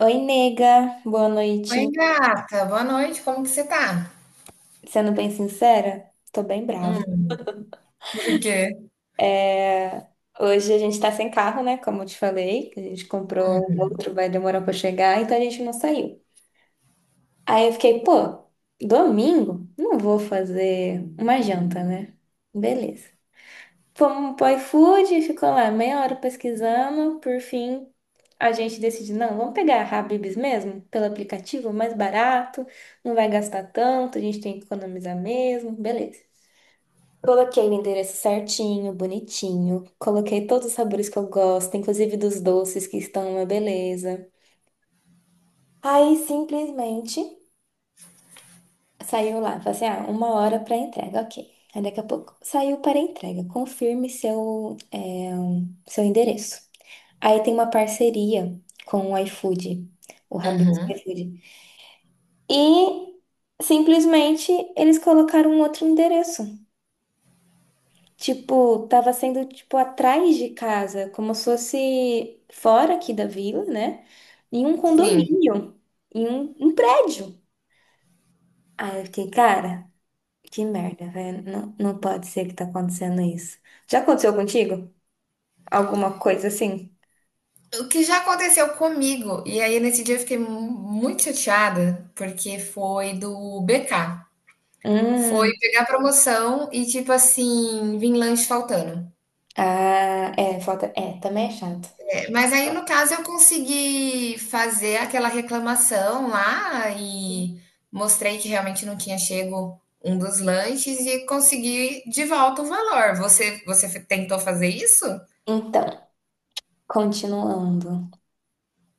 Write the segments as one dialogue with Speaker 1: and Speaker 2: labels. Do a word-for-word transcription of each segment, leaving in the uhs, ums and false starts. Speaker 1: Oi, nega, boa noite.
Speaker 2: Oi, gata. Boa noite. Como que você tá?
Speaker 1: Sendo bem sincera, tô bem brava.
Speaker 2: Hum, por quê?
Speaker 1: É, hoje a gente tá sem carro, né? Como eu te falei, que a gente comprou um outro, vai demorar pra chegar, então a gente não saiu. Aí eu fiquei, pô, domingo? Não vou fazer uma janta, né? Beleza. Fomos pro iFood, ficou lá meia hora pesquisando. Por fim, a gente decide, não, vamos pegar a Habib's mesmo, pelo aplicativo, mais barato, não vai gastar tanto, a gente tem que economizar mesmo, beleza. Coloquei o endereço certinho, bonitinho. Coloquei todos os sabores que eu gosto, inclusive dos doces que estão uma beleza. Aí simplesmente saiu lá, falei assim, ah, uma hora para entrega, ok. Aí daqui a pouco saiu para entrega, confirme seu, é, seu endereço. Aí tem uma parceria com o iFood, o Habib's
Speaker 2: Uhum,
Speaker 1: iFood. E simplesmente eles colocaram um outro endereço. Tipo, tava sendo tipo atrás de casa, como se fosse fora aqui da vila, né? Em um
Speaker 2: sim.
Speaker 1: condomínio, em um, um prédio. Aí eu fiquei, cara, que merda, velho. Não, não pode ser que tá acontecendo isso. Já aconteceu contigo? Alguma coisa assim?
Speaker 2: O que já aconteceu comigo, e aí nesse dia eu fiquei mu- muito chateada, porque foi do B K. Foi
Speaker 1: Hum,
Speaker 2: pegar promoção e, tipo assim, vim lanche faltando.
Speaker 1: ah, é, falta, é, também é chato.
Speaker 2: É, mas aí, no caso, eu consegui fazer aquela reclamação lá e mostrei que realmente não tinha chego um dos lanches e consegui de volta o valor. Você, você tentou fazer isso?
Speaker 1: Então. Continuando.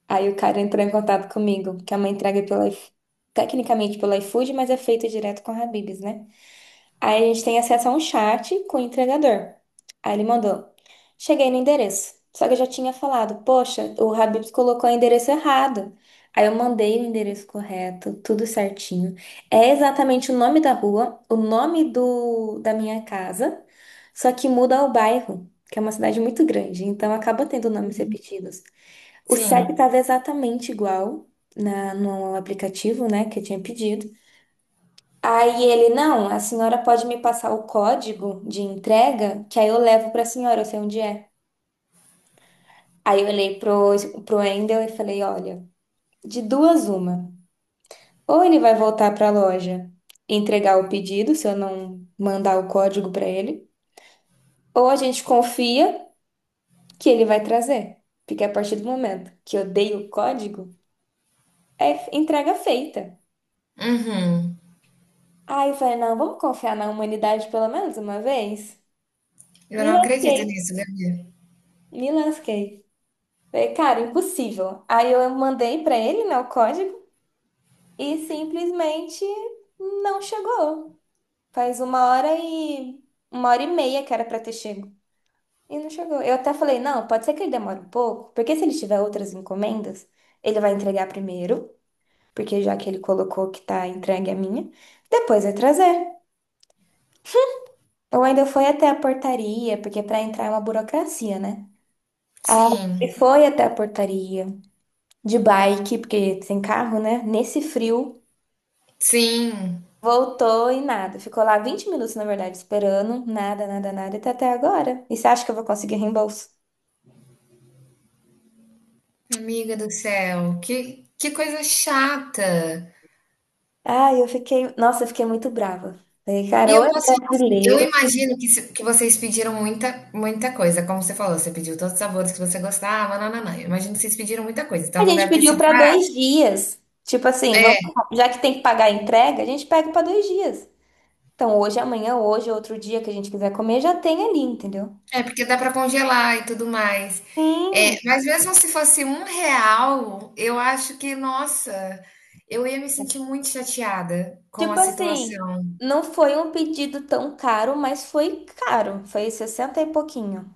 Speaker 1: Aí o cara entrou em contato comigo, que é uma entrega pela, iF- tecnicamente pelo iFood, mas é feito direto com a Habib's, né? Aí a gente tem acesso a um chat com o entregador. Aí ele mandou: cheguei no endereço. Só que eu já tinha falado: poxa, o Habib's colocou o endereço errado. Aí eu mandei o endereço correto, tudo certinho. É exatamente o nome da rua, o nome do, da minha casa, só que muda o bairro, que é uma cidade muito grande, então acaba tendo nomes repetidos. O CEP
Speaker 2: Sim.
Speaker 1: estava exatamente igual na, no aplicativo, né, que eu tinha pedido. Aí ele, não, a senhora pode me passar o código de entrega, que aí eu levo para a senhora, eu sei onde é. Aí eu olhei pro, pro Endel e falei, olha, de duas uma. Ou ele vai voltar para a loja e entregar o pedido, se eu não mandar o código para ele, ou a gente confia que ele vai trazer. Porque a partir do momento que eu dei o código, é entrega feita.
Speaker 2: Uhum.
Speaker 1: Aí eu falei, não, vamos confiar na humanidade pelo menos uma vez?
Speaker 2: Eu
Speaker 1: Me
Speaker 2: não acredito
Speaker 1: lasquei,
Speaker 2: nisso, Gabi.
Speaker 1: me lasquei. Falei, cara, impossível. Aí eu mandei pra ele, né, o código e simplesmente não chegou. Faz uma hora e uma hora e meia que era pra ter chego e não chegou. Eu até falei, não, pode ser que ele demore um pouco, porque se ele tiver outras encomendas, ele vai entregar primeiro, porque já que ele colocou que tá entregue a minha, depois vai trazer. Eu ainda fui até a portaria, porque para entrar é uma burocracia, né? Ah, e
Speaker 2: Sim,
Speaker 1: foi até a portaria de bike, porque sem carro, né? Nesse frio,
Speaker 2: sim,
Speaker 1: voltou e nada. Ficou lá vinte minutos, na verdade, esperando, nada, nada, nada, e tá até agora. E você acha que eu vou conseguir reembolso?
Speaker 2: amiga do céu, que, que coisa chata.
Speaker 1: Ah, eu fiquei, nossa, eu fiquei muito brava. Falei,
Speaker 2: E
Speaker 1: cara, ou
Speaker 2: eu
Speaker 1: é
Speaker 2: posso falar assim, eu
Speaker 1: brasileiro.
Speaker 2: imagino que, se- que vocês pediram muita, muita coisa, como você falou, você pediu todos os sabores que você gostava, nananã. Eu imagino que vocês pediram muita coisa,
Speaker 1: A
Speaker 2: então não
Speaker 1: gente
Speaker 2: deve ter
Speaker 1: pediu
Speaker 2: sido
Speaker 1: para
Speaker 2: barato.
Speaker 1: dois dias. Tipo assim,
Speaker 2: É,
Speaker 1: vamos, já que tem que pagar a entrega, a gente pega para dois dias. Então, hoje, amanhã, hoje, outro dia que a gente quiser comer, já tem ali, entendeu?
Speaker 2: é, porque dá para congelar e tudo mais. É,
Speaker 1: Sim,
Speaker 2: mas mesmo se fosse um real, eu acho que, nossa, eu ia me sentir muito chateada com
Speaker 1: tipo
Speaker 2: a
Speaker 1: assim,
Speaker 2: situação.
Speaker 1: não foi um pedido tão caro, mas foi caro, foi sessenta e pouquinho.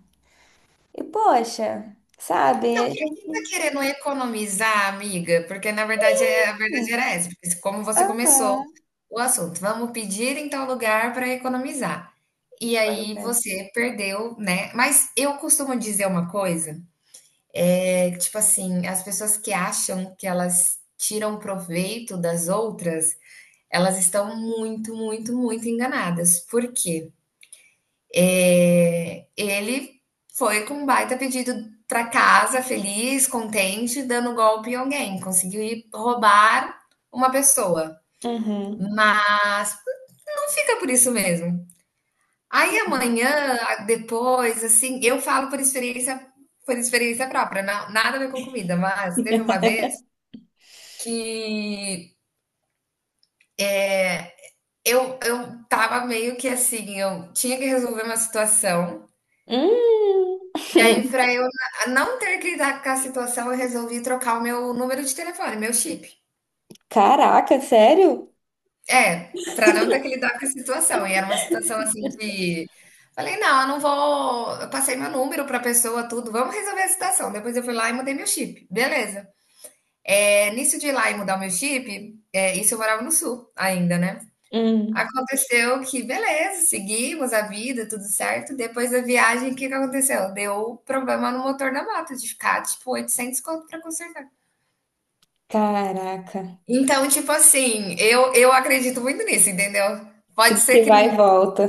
Speaker 1: E poxa, sabe?
Speaker 2: Não, quem quem tá querendo economizar, amiga? Porque na verdade, é a verdade
Speaker 1: Sim.
Speaker 2: era essa, porque se- como você
Speaker 1: Aham.
Speaker 2: começou o assunto, vamos pedir em tal lugar para economizar. E
Speaker 1: Pois
Speaker 2: aí
Speaker 1: é.
Speaker 2: você perdeu, né? Mas eu costumo dizer uma coisa, é que, tipo assim, as pessoas que acham que elas tiram proveito das outras, elas estão muito, muito, muito enganadas. Por quê? É, ele foi com um baita pedido para casa, feliz, contente, dando golpe em alguém. Conseguiu ir roubar uma pessoa.
Speaker 1: Uhum.
Speaker 2: Mas não fica por isso mesmo. Aí amanhã, depois, assim, eu falo por experiência por experiência própria, não, nada a ver com comida, mas teve uma vez que eu, eu tava meio que assim, eu tinha que resolver uma situação.
Speaker 1: Hum.
Speaker 2: E aí, para eu não ter que lidar com a situação, eu resolvi trocar o meu número de telefone, meu chip.
Speaker 1: Caraca, sério?
Speaker 2: É, para não ter que lidar com a situação. E era uma situação, assim, de falei: "Não, eu não vou", eu passei meu número para pessoa, tudo, "vamos resolver a situação". Depois eu fui lá e mudei meu chip, beleza. É, nisso de ir lá e mudar o meu chip, é, isso eu morava no sul ainda, né.
Speaker 1: Hum.
Speaker 2: Aconteceu que beleza, seguimos a vida, tudo certo. Depois da viagem, o que que aconteceu? Deu problema no motor da moto, de ficar, tipo, oitocentos conto para consertar.
Speaker 1: Caraca,
Speaker 2: Então, tipo assim, eu, eu acredito muito nisso, entendeu? Pode
Speaker 1: tudo
Speaker 2: ser
Speaker 1: que
Speaker 2: que,
Speaker 1: vai e volta.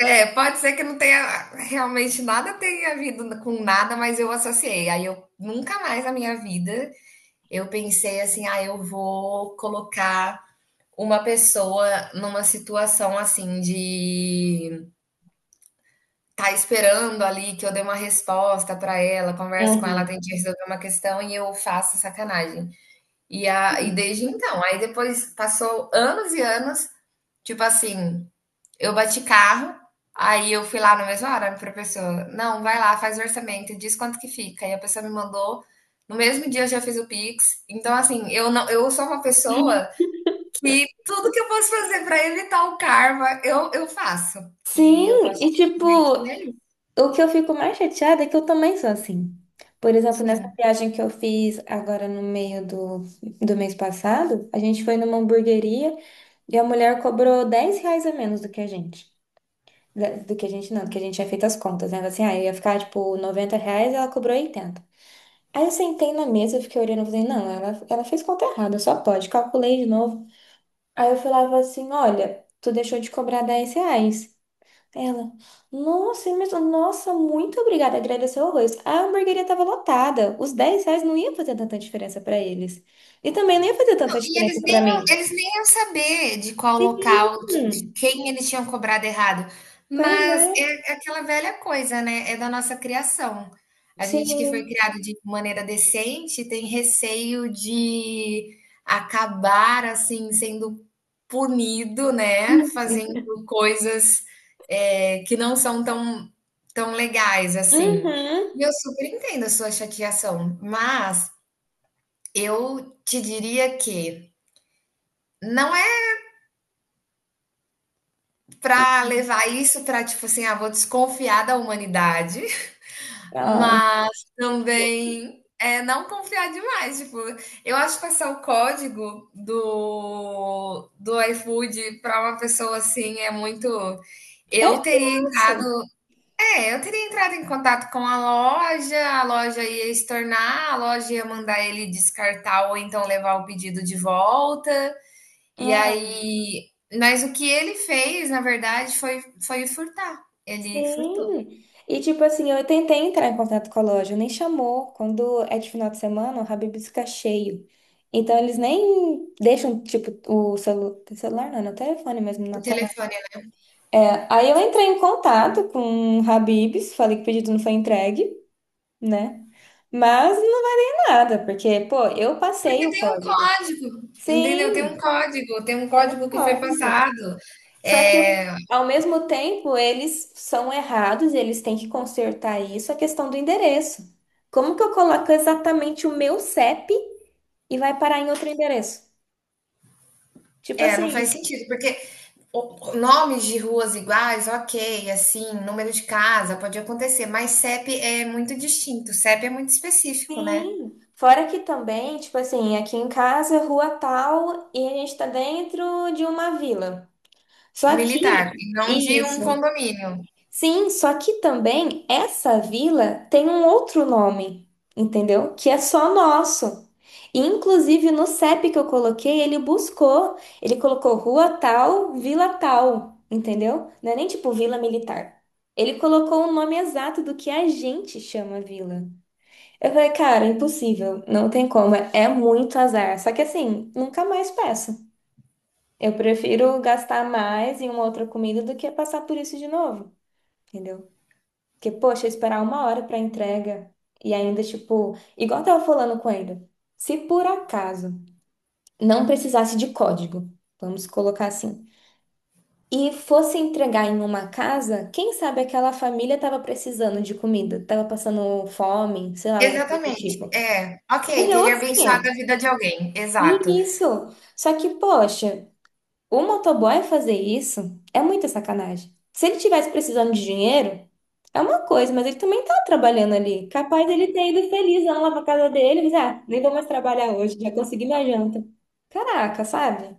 Speaker 2: é, pode ser que não tenha realmente nada tenha havido com nada, mas eu associei. Aí eu nunca mais na minha vida eu pensei assim, ah, eu vou colocar uma pessoa numa situação assim de tá esperando ali que eu dê uma resposta pra ela, converso com ela,
Speaker 1: Uhum.
Speaker 2: tente resolver uma questão e eu faço sacanagem. E, a, e desde então, aí depois passou anos e anos. Tipo assim, eu bati carro, aí eu fui lá na mesma hora pra pessoa, não, vai lá, faz o orçamento, diz quanto que fica. E a pessoa me mandou, no mesmo dia eu já fiz o Pix. Então, assim, eu não, eu sou uma pessoa que tudo que eu posso fazer pra evitar o karma, eu, eu faço. E
Speaker 1: Sim,
Speaker 2: eu posso
Speaker 1: e tipo.
Speaker 2: dizer que é isso.
Speaker 1: O que eu fico mais chateada é que eu também sou assim. Por exemplo, nessa
Speaker 2: Sim.
Speaker 1: viagem que eu fiz agora no meio do, do mês passado, a gente foi numa hamburgueria e a mulher cobrou dez reais a menos do que a gente. Da- Do que a gente não, do que a gente tinha feito as contas, né? Assim, ah, eu ia ficar tipo noventa reais, ela cobrou oitenta. Aí eu sentei na mesa, eu fiquei olhando e falei, não, ela, ela fez conta errada, só pode. Calculei de novo. Aí eu falava assim, olha, tu deixou de cobrar dez reais. Ela, nossa, imenso, nossa, muito obrigada, agradeceu horrores. A hamburgueria estava lotada, os dez reais não ia fazer tanta diferença para eles. E também não ia fazer tanta
Speaker 2: E
Speaker 1: diferença
Speaker 2: eles nem,
Speaker 1: para
Speaker 2: iam-
Speaker 1: mim.
Speaker 2: eles nem iam saber de qual local, de
Speaker 1: Hum,
Speaker 2: quem eles tinham cobrado errado.
Speaker 1: pois é,
Speaker 2: Mas é aquela velha coisa, né? É da nossa criação. A gente que foi
Speaker 1: sim.
Speaker 2: criado de maneira decente tem receio de acabar assim sendo punido, né? Fazendo
Speaker 1: Uhum.
Speaker 2: coisas é, que não são tão, tão legais assim. E eu super entendo a sua chateação, mas eu te diria que não é para
Speaker 1: Uhum.
Speaker 2: levar isso para tipo assim, ah, vou desconfiar da humanidade,
Speaker 1: Ai,
Speaker 2: mas também, é não confiar demais, tipo, eu acho que passar o código do do iFood para uma pessoa, assim, é muito,
Speaker 1: é
Speaker 2: eu teria entrado,
Speaker 1: isso.
Speaker 2: é, eu teria entrado em contato com a loja, a loja ia estornar, a loja ia mandar ele descartar ou então levar o pedido de volta. E
Speaker 1: É,
Speaker 2: aí, mas o que ele fez, na verdade, foi foi furtar. Ele furtou
Speaker 1: sim. E tipo assim, eu tentei entrar em contato com a loja, nem chamou. Quando é de final de semana, o Habib's fica cheio. Então eles nem deixam, tipo, o celu- celular, não, no telefone mesmo, na
Speaker 2: o telefone, né.
Speaker 1: é, aí eu entrei em contato com o Habib's, falei que o pedido não foi entregue, né? Mas não é nada, porque, pô, eu passei
Speaker 2: Porque
Speaker 1: o
Speaker 2: tem um
Speaker 1: código.
Speaker 2: código, entendeu? Tem um
Speaker 1: Sim,
Speaker 2: código, tem um código que foi
Speaker 1: código.
Speaker 2: passado.
Speaker 1: Só que,
Speaker 2: Eh,
Speaker 1: ao mesmo tempo, eles são errados, e eles têm que consertar isso, a questão do endereço. Como que eu coloco exatamente o meu CEP e vai parar em outro endereço? Tipo
Speaker 2: é, não faz
Speaker 1: assim,
Speaker 2: sentido, porque o nomes de ruas iguais, ok, assim, número de casa pode acontecer, mas C E P é muito distinto, C E P é muito específico, né,
Speaker 1: sim, fora que também, tipo assim, aqui em casa, é rua tal, e a gente tá dentro de uma vila. Só que,
Speaker 2: militar, e não de
Speaker 1: isso.
Speaker 2: um condomínio.
Speaker 1: Sim, só que também essa vila tem um outro nome, entendeu? Que é só nosso. E, inclusive no CEP que eu coloquei, ele buscou, ele colocou rua tal, vila tal, entendeu? Não é nem tipo vila militar. Ele colocou o nome exato do que a gente chama vila. Eu falei, cara, impossível, não tem como, é muito azar. Só que assim, nunca mais peço. Eu prefiro gastar mais em uma outra comida do que passar por isso de novo, entendeu? Porque, poxa, esperar uma hora pra entrega e ainda, tipo, igual eu tava falando com ele, se por acaso não precisasse de código, vamos colocar assim, e fosse entregar em uma casa, quem sabe aquela família tava precisando de comida, tava passando fome, sei lá, alguma coisa do
Speaker 2: Exatamente,
Speaker 1: tipo.
Speaker 2: é.
Speaker 1: Aí
Speaker 2: Ok,
Speaker 1: já é
Speaker 2: teria
Speaker 1: outros
Speaker 2: abençoado a
Speaker 1: quinhentos.
Speaker 2: vida de alguém, exato.
Speaker 1: E isso. Só que, poxa, o motoboy fazer isso é muita sacanagem. Se ele tivesse precisando de dinheiro, é uma coisa, mas ele também tá trabalhando ali. Capaz dele ter ido feliz lá pra casa dele, mas dizer, ah, nem vou mais trabalhar hoje, já consegui minha janta. Caraca, sabe?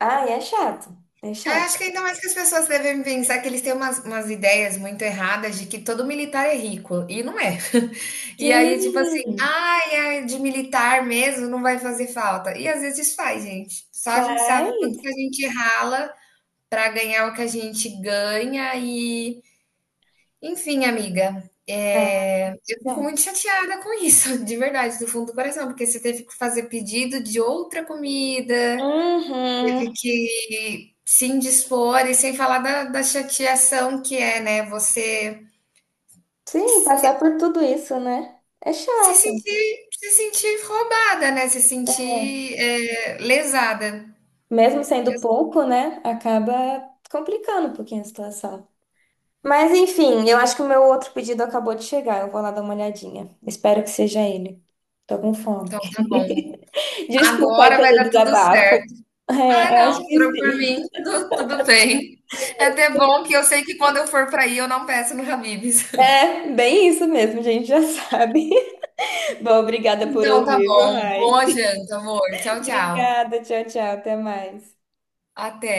Speaker 1: Ah, é chato. É
Speaker 2: Eu
Speaker 1: chato.
Speaker 2: acho que ainda mais que as pessoas devem pensar que eles têm umas umas ideias muito erradas de que todo militar é rico, e não é. E aí, tipo assim:
Speaker 1: Sim,
Speaker 2: "Ai, é de militar mesmo, não vai fazer falta", e às vezes faz gente, só a gente sabe o quanto
Speaker 1: faz.
Speaker 2: que a gente rala para ganhar o que a gente ganha e enfim, amiga,
Speaker 1: É.
Speaker 2: é, eu fico muito chateada com isso, de verdade, do fundo do coração, porque você teve que fazer pedido de outra comida,
Speaker 1: Uhum.
Speaker 2: teve que se indispor, e sem falar da, da chateação que é, né? Você
Speaker 1: Sim, passar por tudo isso, né? É
Speaker 2: se
Speaker 1: chato.
Speaker 2: sentir, se sentir roubada, né? Se sentir, é, lesada.
Speaker 1: Mesmo sendo pouco, né, acaba complicando um pouquinho a situação. Mas enfim, eu acho que o meu outro pedido acabou de chegar. Eu vou lá dar uma olhadinha. Espero que seja ele. Tô com fome.
Speaker 2: Então tá bom.
Speaker 1: Desculpa aí
Speaker 2: Agora vai
Speaker 1: pelo
Speaker 2: dar tudo
Speaker 1: desabafo.
Speaker 2: certo. Ah,
Speaker 1: É, acho
Speaker 2: não,
Speaker 1: que
Speaker 2: jurou por mim,
Speaker 1: sim.
Speaker 2: tudo, tudo bem. É até bom que eu sei que quando eu for para aí eu não peço no Habib's.
Speaker 1: É, bem isso mesmo, a gente já sabe. Bom, obrigada por
Speaker 2: Então tá
Speaker 1: ouvir, viu,
Speaker 2: bom.
Speaker 1: Rai?
Speaker 2: Boa janta, amor. Tchau, tchau.
Speaker 1: Obrigada, tchau, tchau, até mais.
Speaker 2: Até.